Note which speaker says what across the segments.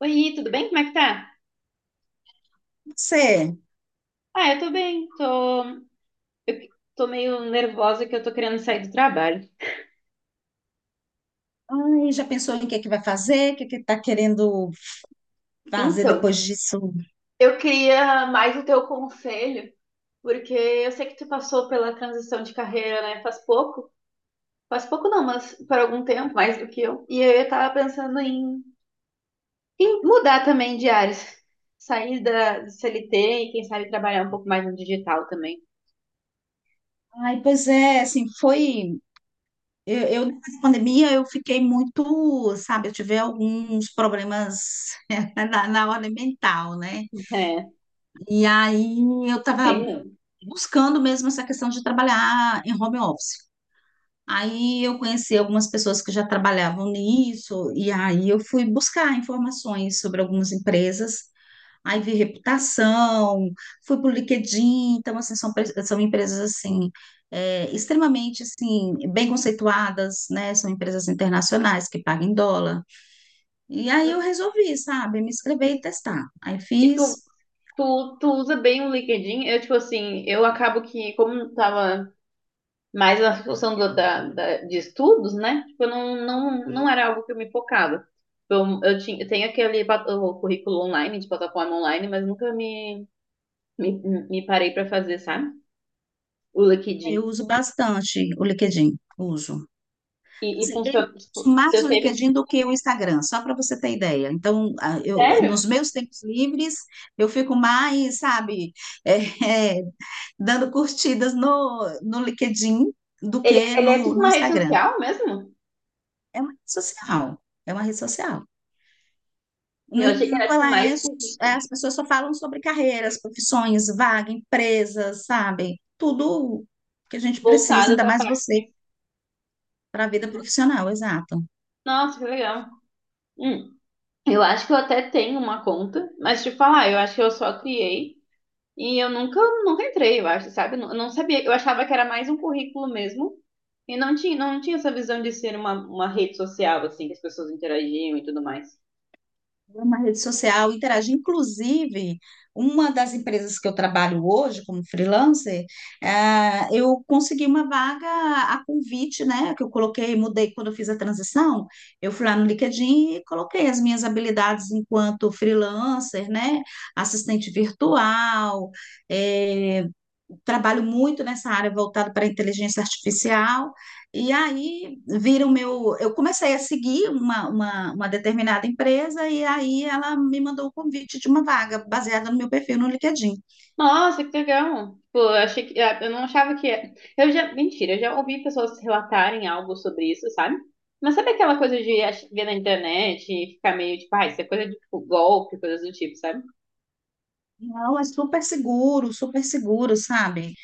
Speaker 1: Oi, tudo bem? Como é que tá?
Speaker 2: Você,
Speaker 1: Eu tô bem, tô, eu tô meio nervosa que eu tô querendo sair do trabalho.
Speaker 2: ai, já pensou em o que é que vai fazer? O que é que está querendo fazer
Speaker 1: Então,
Speaker 2: depois disso?
Speaker 1: eu queria mais o teu conselho, porque eu sei que tu passou pela transição de carreira, né? Faz pouco. Faz pouco não, mas por algum tempo, mais do que eu. E eu tava pensando em mudar também de áreas. Sair da do CLT e quem sabe trabalhar um pouco mais no digital também.
Speaker 2: Ai, pois é, assim, foi. Eu, depois da pandemia, eu fiquei muito, sabe, eu tive alguns problemas na hora mental, né?
Speaker 1: É,
Speaker 2: E aí eu
Speaker 1: tem
Speaker 2: estava
Speaker 1: mesmo.
Speaker 2: buscando mesmo essa questão de trabalhar em home office. Aí eu conheci algumas pessoas que já trabalhavam nisso, e aí eu fui buscar informações sobre algumas empresas. Aí vi reputação, fui pro LinkedIn, então assim, são empresas assim, extremamente assim, bem conceituadas, né? São empresas internacionais que pagam em dólar. E aí eu resolvi, sabe, me
Speaker 1: E,
Speaker 2: inscrever e testar. Aí
Speaker 1: e tu
Speaker 2: fiz.
Speaker 1: tu usa bem o LinkedIn? Eu, tipo assim, eu acabo que, como tava mais na função de estudos, né? Tipo, eu não, não, não era algo que eu me focava. Eu tenho o currículo online, de plataforma online, mas nunca me, me, me parei pra fazer, sabe? O
Speaker 2: Aí eu
Speaker 1: LinkedIn.
Speaker 2: uso bastante o LinkedIn, uso.
Speaker 1: E
Speaker 2: Assim, eu
Speaker 1: funciona. Tipo,
Speaker 2: uso mais
Speaker 1: eu
Speaker 2: o
Speaker 1: teve.
Speaker 2: LinkedIn do que o Instagram, só para você ter ideia. Então, eu,
Speaker 1: Sério?
Speaker 2: nos meus tempos livres, eu fico mais, sabe, é, dando curtidas no LinkedIn do que
Speaker 1: Ele é
Speaker 2: no,
Speaker 1: tipo
Speaker 2: no
Speaker 1: uma rede
Speaker 2: Instagram.
Speaker 1: social mesmo?
Speaker 2: É uma rede social, é uma rede social. No
Speaker 1: Eu achei que era
Speaker 2: entanto,
Speaker 1: tipo mais currículo,
Speaker 2: as pessoas só falam sobre carreiras, profissões, vaga, empresas, sabe? Tudo que a gente precisa,
Speaker 1: voltado
Speaker 2: ainda
Speaker 1: pra
Speaker 2: mais
Speaker 1: parte.
Speaker 2: você,
Speaker 1: De-
Speaker 2: para a vida profissional, exato.
Speaker 1: Nossa, que legal. Hum. Eu acho que eu até tenho uma conta, mas te falar, "Ah, eu acho que eu só criei e eu nunca entrei, eu acho, sabe? Eu não sabia, eu achava que era mais um currículo mesmo e não tinha, não tinha essa visão de ser uma rede social, assim, que as pessoas interagiam e tudo mais.
Speaker 2: É uma rede social interage. Inclusive, uma das empresas que eu trabalho hoje como freelancer, eu consegui uma vaga a convite, né? Que eu coloquei, mudei quando eu fiz a transição. Eu fui lá no LinkedIn e coloquei as minhas habilidades enquanto freelancer, né? Assistente virtual, eh, trabalho muito nessa área voltada para a inteligência artificial. E aí vira o meu. Eu comecei a seguir uma determinada empresa e aí ela me mandou o convite de uma vaga baseada no meu perfil no LinkedIn.
Speaker 1: Nossa, que legal! Tipo, eu achei que, eu não achava que, era. Eu já ouvi pessoas relatarem algo sobre isso, sabe? Mas sabe aquela coisa de ver na internet e ficar meio tipo, ah, isso é coisa de tipo, golpe, coisas do tipo, sabe?
Speaker 2: Não, é super seguro, sabe?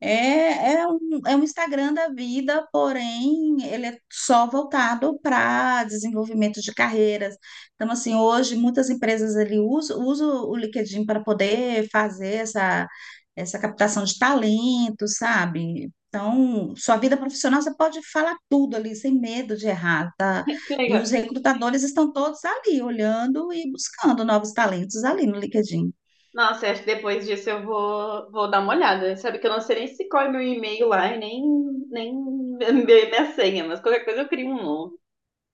Speaker 2: É, é um Instagram da vida, porém ele é só voltado para desenvolvimento de carreiras. Então, assim, hoje muitas empresas ele usam o LinkedIn para poder fazer essa, essa captação de talento, sabe? Então, sua vida profissional você pode falar tudo ali, sem medo de errar, tá?
Speaker 1: Que
Speaker 2: E os
Speaker 1: legal.
Speaker 2: recrutadores estão todos ali, olhando e buscando novos talentos ali no LinkedIn.
Speaker 1: Nossa, eu acho que depois disso eu vou dar uma olhada. Sabe que eu não sei nem se corre meu e-mail lá e nem minha senha, mas qualquer coisa eu crio um novo.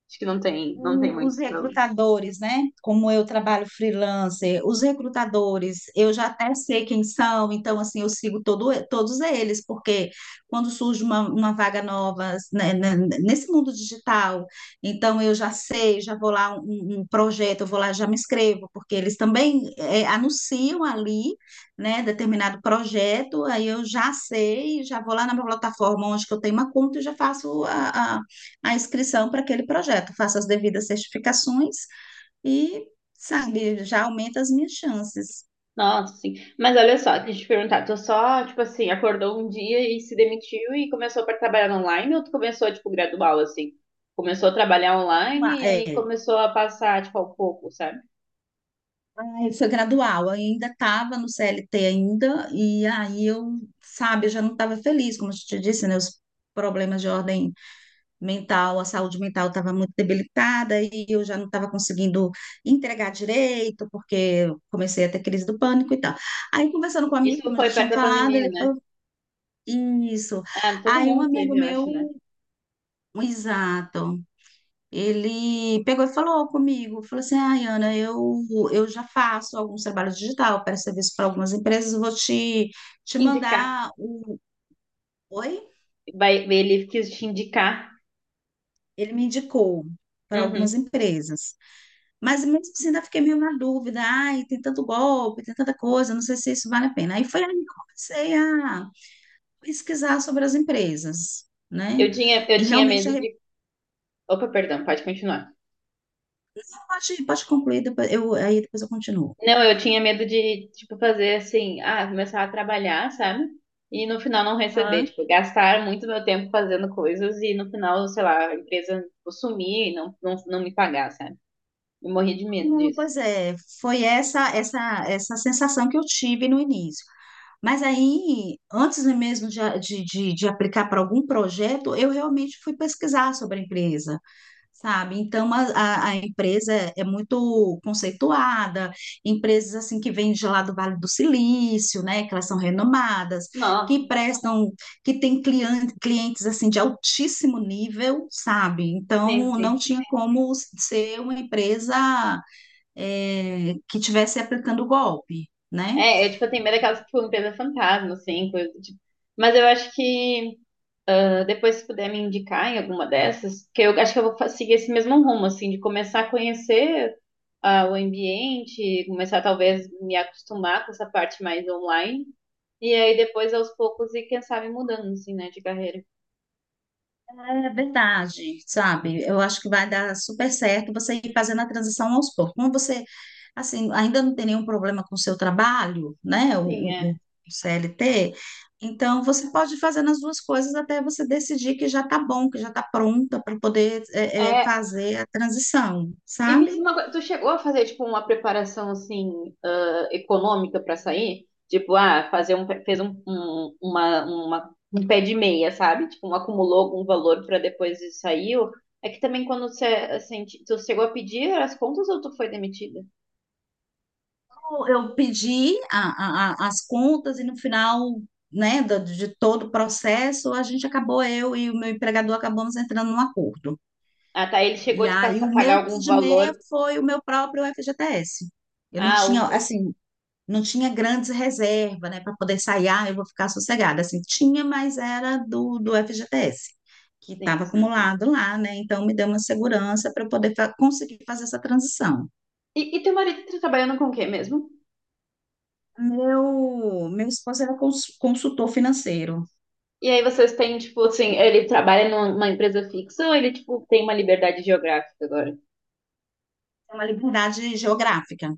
Speaker 1: Acho que não tem, não tem
Speaker 2: E os
Speaker 1: muitos problemas.
Speaker 2: recrutadores, né? Como eu trabalho freelancer, os recrutadores, eu já até sei quem são, então, assim, eu sigo todos eles, porque quando surge uma vaga nova, né, nesse mundo digital, então eu já sei, já vou lá um projeto, eu vou lá, já me inscrevo, porque eles também anunciam ali, né, determinado projeto, aí eu já sei, já vou lá na minha plataforma onde que eu tenho uma conta e já faço a inscrição para aquele projeto, faço as devidas certificações e, sabe, já aumenta as minhas chances.
Speaker 1: Nossa, sim. Mas olha só, deixa eu te perguntar, tu só, tipo assim, acordou um dia e se demitiu e começou para trabalhar online ou tu começou, tipo, gradual, assim? Começou a trabalhar
Speaker 2: Ah,
Speaker 1: online e aí
Speaker 2: é,
Speaker 1: começou a passar, tipo, ao pouco, sabe?
Speaker 2: foi gradual, eu ainda estava no CLT ainda, e aí eu, sabe, eu já não estava feliz, como eu te disse, né, os problemas de ordem mental, a saúde mental estava muito debilitada e eu já não estava conseguindo entregar direito, porque eu comecei a ter crise do pânico e tal. Aí, conversando com um amigo,
Speaker 1: Isso
Speaker 2: como eu já
Speaker 1: foi perto
Speaker 2: tinha
Speaker 1: da
Speaker 2: falado,
Speaker 1: pandemia,
Speaker 2: ele
Speaker 1: né?
Speaker 2: falou, isso.
Speaker 1: Ah, todo
Speaker 2: Aí um
Speaker 1: mundo
Speaker 2: amigo
Speaker 1: teve, eu
Speaker 2: meu.
Speaker 1: acho, né?
Speaker 2: Exato. Ele pegou e falou comigo, falou assim, ai, Ana, eu já faço alguns trabalhos digital para serviço para algumas empresas, vou te
Speaker 1: Indicar.
Speaker 2: mandar o... Oi?
Speaker 1: Vai, ele quis te indicar.
Speaker 2: Ele me indicou para algumas
Speaker 1: Uhum.
Speaker 2: empresas. Mas mesmo assim ainda fiquei meio na dúvida, ai, tem tanto golpe, tem tanta coisa, não sei se isso vale a pena. Aí foi aí que eu comecei a pesquisar sobre as empresas, né?
Speaker 1: Eu
Speaker 2: E
Speaker 1: tinha
Speaker 2: realmente,
Speaker 1: medo de. Opa, perdão, pode continuar.
Speaker 2: pode concluir, depois, eu, aí depois eu continuo.
Speaker 1: Não, eu tinha medo de, tipo, fazer assim, ah, começar a trabalhar, sabe? E no final não receber, tipo, gastar muito meu tempo fazendo coisas e no final, sei lá, a empresa, tipo, sumir e não me pagar, sabe? Eu morri de medo
Speaker 2: Não,
Speaker 1: disso.
Speaker 2: pois é, foi essa sensação que eu tive no início. Mas aí, antes mesmo de, a- de, de aplicar para algum projeto, eu realmente fui pesquisar sobre a empresa, sabe? Então, a empresa é muito conceituada, empresas assim que vêm de lá do Vale do Silício, né? Que elas são renomadas, que
Speaker 1: Nossa,
Speaker 2: prestam, que têm clientes assim de altíssimo nível, sabe?
Speaker 1: sim,
Speaker 2: Então, não
Speaker 1: sim.
Speaker 2: tinha como ser uma empresa que estivesse aplicando o golpe, né?
Speaker 1: É, eu, tipo, eu tenho medo daquelas, tipo, empresa fantasma, assim, coisa, do tipo. Mas eu acho que então, depois, se puder me indicar em alguma dessas, que eu acho que eu vou seguir esse mesmo rumo, assim, de começar a conhecer ah, o ambiente, começar talvez me acostumar com essa parte mais online, e aí depois aos poucos e quem sabe mudando, assim, né, de carreira.
Speaker 2: É verdade, sabe? Eu acho que vai dar super certo você ir fazendo a transição aos poucos. Como você, assim, ainda não tem nenhum problema com o seu trabalho, né?
Speaker 1: Sim,
Speaker 2: O-
Speaker 1: é.
Speaker 2: o CLT, então você pode fazer as duas coisas até você decidir que já tá bom, que já tá pronta para poder
Speaker 1: É,
Speaker 2: fazer a transição,
Speaker 1: e me diz
Speaker 2: sabe?
Speaker 1: uma coisa, tu chegou a fazer tipo uma preparação assim ah, econômica para sair? Tipo, ah, fazer um fez um, um- uma- um pé de meia, sabe? Tipo, um acumulou algum valor para depois e saiu. É que também quando você assim, tu chegou a pedir as contas ou tu foi demitida?
Speaker 2: Eu pedi as contas e no final, né, de todo o processo, a gente acabou, eu e o meu empregador acabamos entrando num acordo.
Speaker 1: Ah, tá, ele
Speaker 2: E
Speaker 1: chegou de
Speaker 2: aí o
Speaker 1: passar, pagar
Speaker 2: meu
Speaker 1: algum valor.
Speaker 2: meia foi o meu próprio FGTS. Eu não
Speaker 1: Ah,
Speaker 2: tinha,
Speaker 1: o-
Speaker 2: assim, não tinha grandes reservas, né, para poder sair, ah, eu vou ficar sossegada. Assim, tinha, mas era do FGTS, que
Speaker 1: sim,
Speaker 2: estava
Speaker 1: sim, sim.
Speaker 2: acumulado lá, né? Então me deu uma segurança para eu poder conseguir fazer essa transição.
Speaker 1: E teu marido tá trabalhando com o quê mesmo?
Speaker 2: Meu esposo era consultor financeiro,
Speaker 1: E aí vocês têm, tipo, assim, ele trabalha numa empresa fixa ou ele, tipo, tem uma liberdade geográfica agora?
Speaker 2: é uma liberdade geográfica.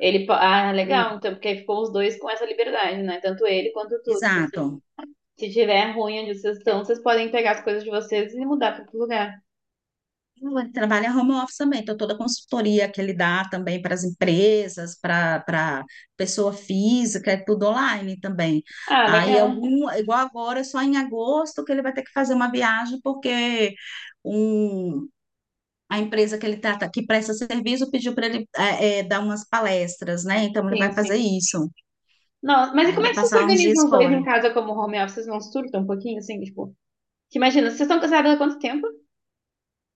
Speaker 1: Ele, ah, legal,
Speaker 2: Hum.
Speaker 1: então, porque aí ficou os dois com essa liberdade, né? Tanto ele quanto tu. Tipo assim,
Speaker 2: Exato.
Speaker 1: se tiver ruim onde vocês estão, vocês podem pegar as coisas de vocês e mudar para outro lugar.
Speaker 2: Ele trabalha home office também, então toda a consultoria que ele dá também para as empresas, para pessoa física, é tudo online também.
Speaker 1: Ah,
Speaker 2: Aí
Speaker 1: legal.
Speaker 2: algum, igual agora, só em agosto que ele vai ter que fazer uma viagem, porque um, a empresa que ele trata, que presta serviço, pediu para ele dar umas palestras, né? Então ele
Speaker 1: Sim,
Speaker 2: vai fazer
Speaker 1: sim.
Speaker 2: isso.
Speaker 1: Nossa, mas e
Speaker 2: Aí ele
Speaker 1: como é
Speaker 2: vai
Speaker 1: que vocês se
Speaker 2: passar uns
Speaker 1: organizam
Speaker 2: dias
Speaker 1: os dois em
Speaker 2: fora.
Speaker 1: casa como home office? Vocês não surtam um pouquinho, assim, tipo... Que imagina, vocês estão casados há quanto tempo?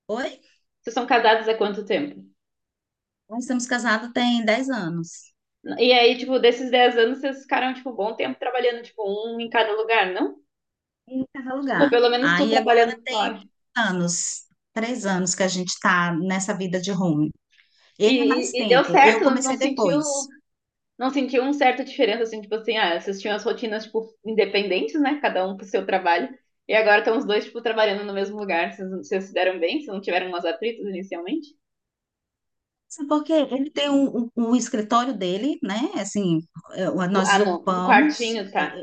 Speaker 2: Oi?
Speaker 1: Vocês são casados há quanto tempo?
Speaker 2: Nós estamos casados tem 10 anos,
Speaker 1: E aí, tipo, desses 10 anos, vocês ficaram, tipo, um bom tempo trabalhando, tipo, um em cada lugar, não?
Speaker 2: em cada
Speaker 1: Tipo,
Speaker 2: lugar.
Speaker 1: pelo menos tu
Speaker 2: Aí agora
Speaker 1: trabalhando
Speaker 2: tem
Speaker 1: fora.
Speaker 2: anos, 3 anos que a gente está nessa vida de home. Ele é mais
Speaker 1: E deu
Speaker 2: tempo, eu
Speaker 1: certo, não
Speaker 2: comecei
Speaker 1: sentiu
Speaker 2: depois.
Speaker 1: uma certa diferença, assim, tipo assim, ah, vocês tinham as rotinas, tipo, independentes, né? Cada um pro seu trabalho. E agora estão os dois, tipo, trabalhando no mesmo lugar. Vocês se deram bem? Vocês não tiveram umas atritos inicialmente?
Speaker 2: Sabe por quê? Ele tem um escritório dele, né? Assim,
Speaker 1: Tipo,
Speaker 2: nós
Speaker 1: ah, não, um
Speaker 2: desocupamos.
Speaker 1: quartinho, tá.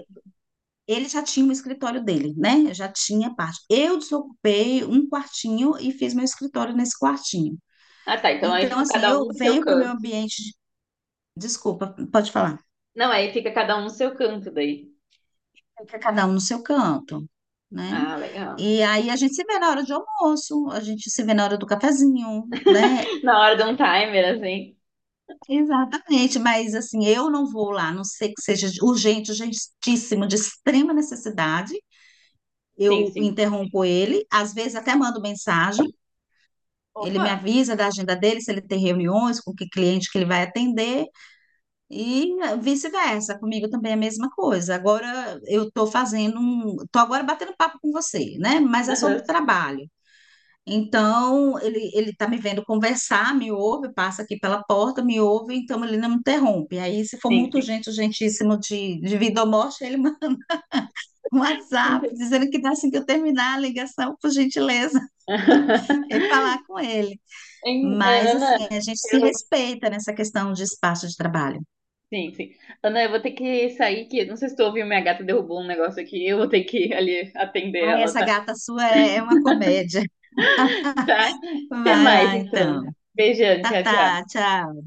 Speaker 2: Ele já tinha o escritório dele, né? Já tinha parte. Eu desocupei um quartinho e fiz meu escritório nesse quartinho.
Speaker 1: Ah, tá, então aí
Speaker 2: Então,
Speaker 1: fica
Speaker 2: assim,
Speaker 1: cada um
Speaker 2: eu
Speaker 1: no seu
Speaker 2: venho para o meu
Speaker 1: canto.
Speaker 2: ambiente. Desculpa, pode falar.
Speaker 1: Não, aí fica cada um no seu canto daí.
Speaker 2: Fica cada um no seu canto, né?
Speaker 1: Ah, legal.
Speaker 2: E aí a gente se vê na hora de almoço, a gente se vê na hora do cafezinho, né?
Speaker 1: Na hora de um timer, assim.
Speaker 2: Exatamente, mas assim, eu não vou lá, a não sei que seja urgente, urgentíssimo, de extrema necessidade.
Speaker 1: Sim,
Speaker 2: Eu
Speaker 1: sim.
Speaker 2: interrompo ele, às vezes até mando mensagem, ele me
Speaker 1: Opa!
Speaker 2: avisa da agenda dele, se ele tem reuniões, com que cliente que ele vai atender, e vice-versa, comigo também é a mesma coisa. Agora eu estou fazendo um, estou agora batendo papo com você, né? Mas é sobre
Speaker 1: Aham,
Speaker 2: trabalho. Então, ele está me vendo conversar, me ouve, passa aqui pela porta, me ouve, então ele não me interrompe. Aí, se for
Speaker 1: sim,
Speaker 2: muito
Speaker 1: sim.
Speaker 2: urgente, urgentíssimo de vida ou morte, ele manda um WhatsApp
Speaker 1: Ente-
Speaker 2: dizendo que tá assim que eu terminar a ligação, por gentileza, e falar com ele.
Speaker 1: Em-
Speaker 2: Mas, assim,
Speaker 1: Ana,
Speaker 2: a gente se
Speaker 1: eu,
Speaker 2: respeita nessa questão de espaço de trabalho.
Speaker 1: sim, sim. Ana, eu vou ter que sair, que não sei se tu ouviu, minha gata derrubou um negócio aqui. Eu vou ter que ir ali atender
Speaker 2: Ai,
Speaker 1: ela,
Speaker 2: essa
Speaker 1: tá?
Speaker 2: gata sua é uma comédia.
Speaker 1: Tá? Até
Speaker 2: Vai
Speaker 1: mais,
Speaker 2: lá,
Speaker 1: então.
Speaker 2: então.
Speaker 1: Beijão,
Speaker 2: Tá,
Speaker 1: tchau, tchau.
Speaker 2: tá, tchau.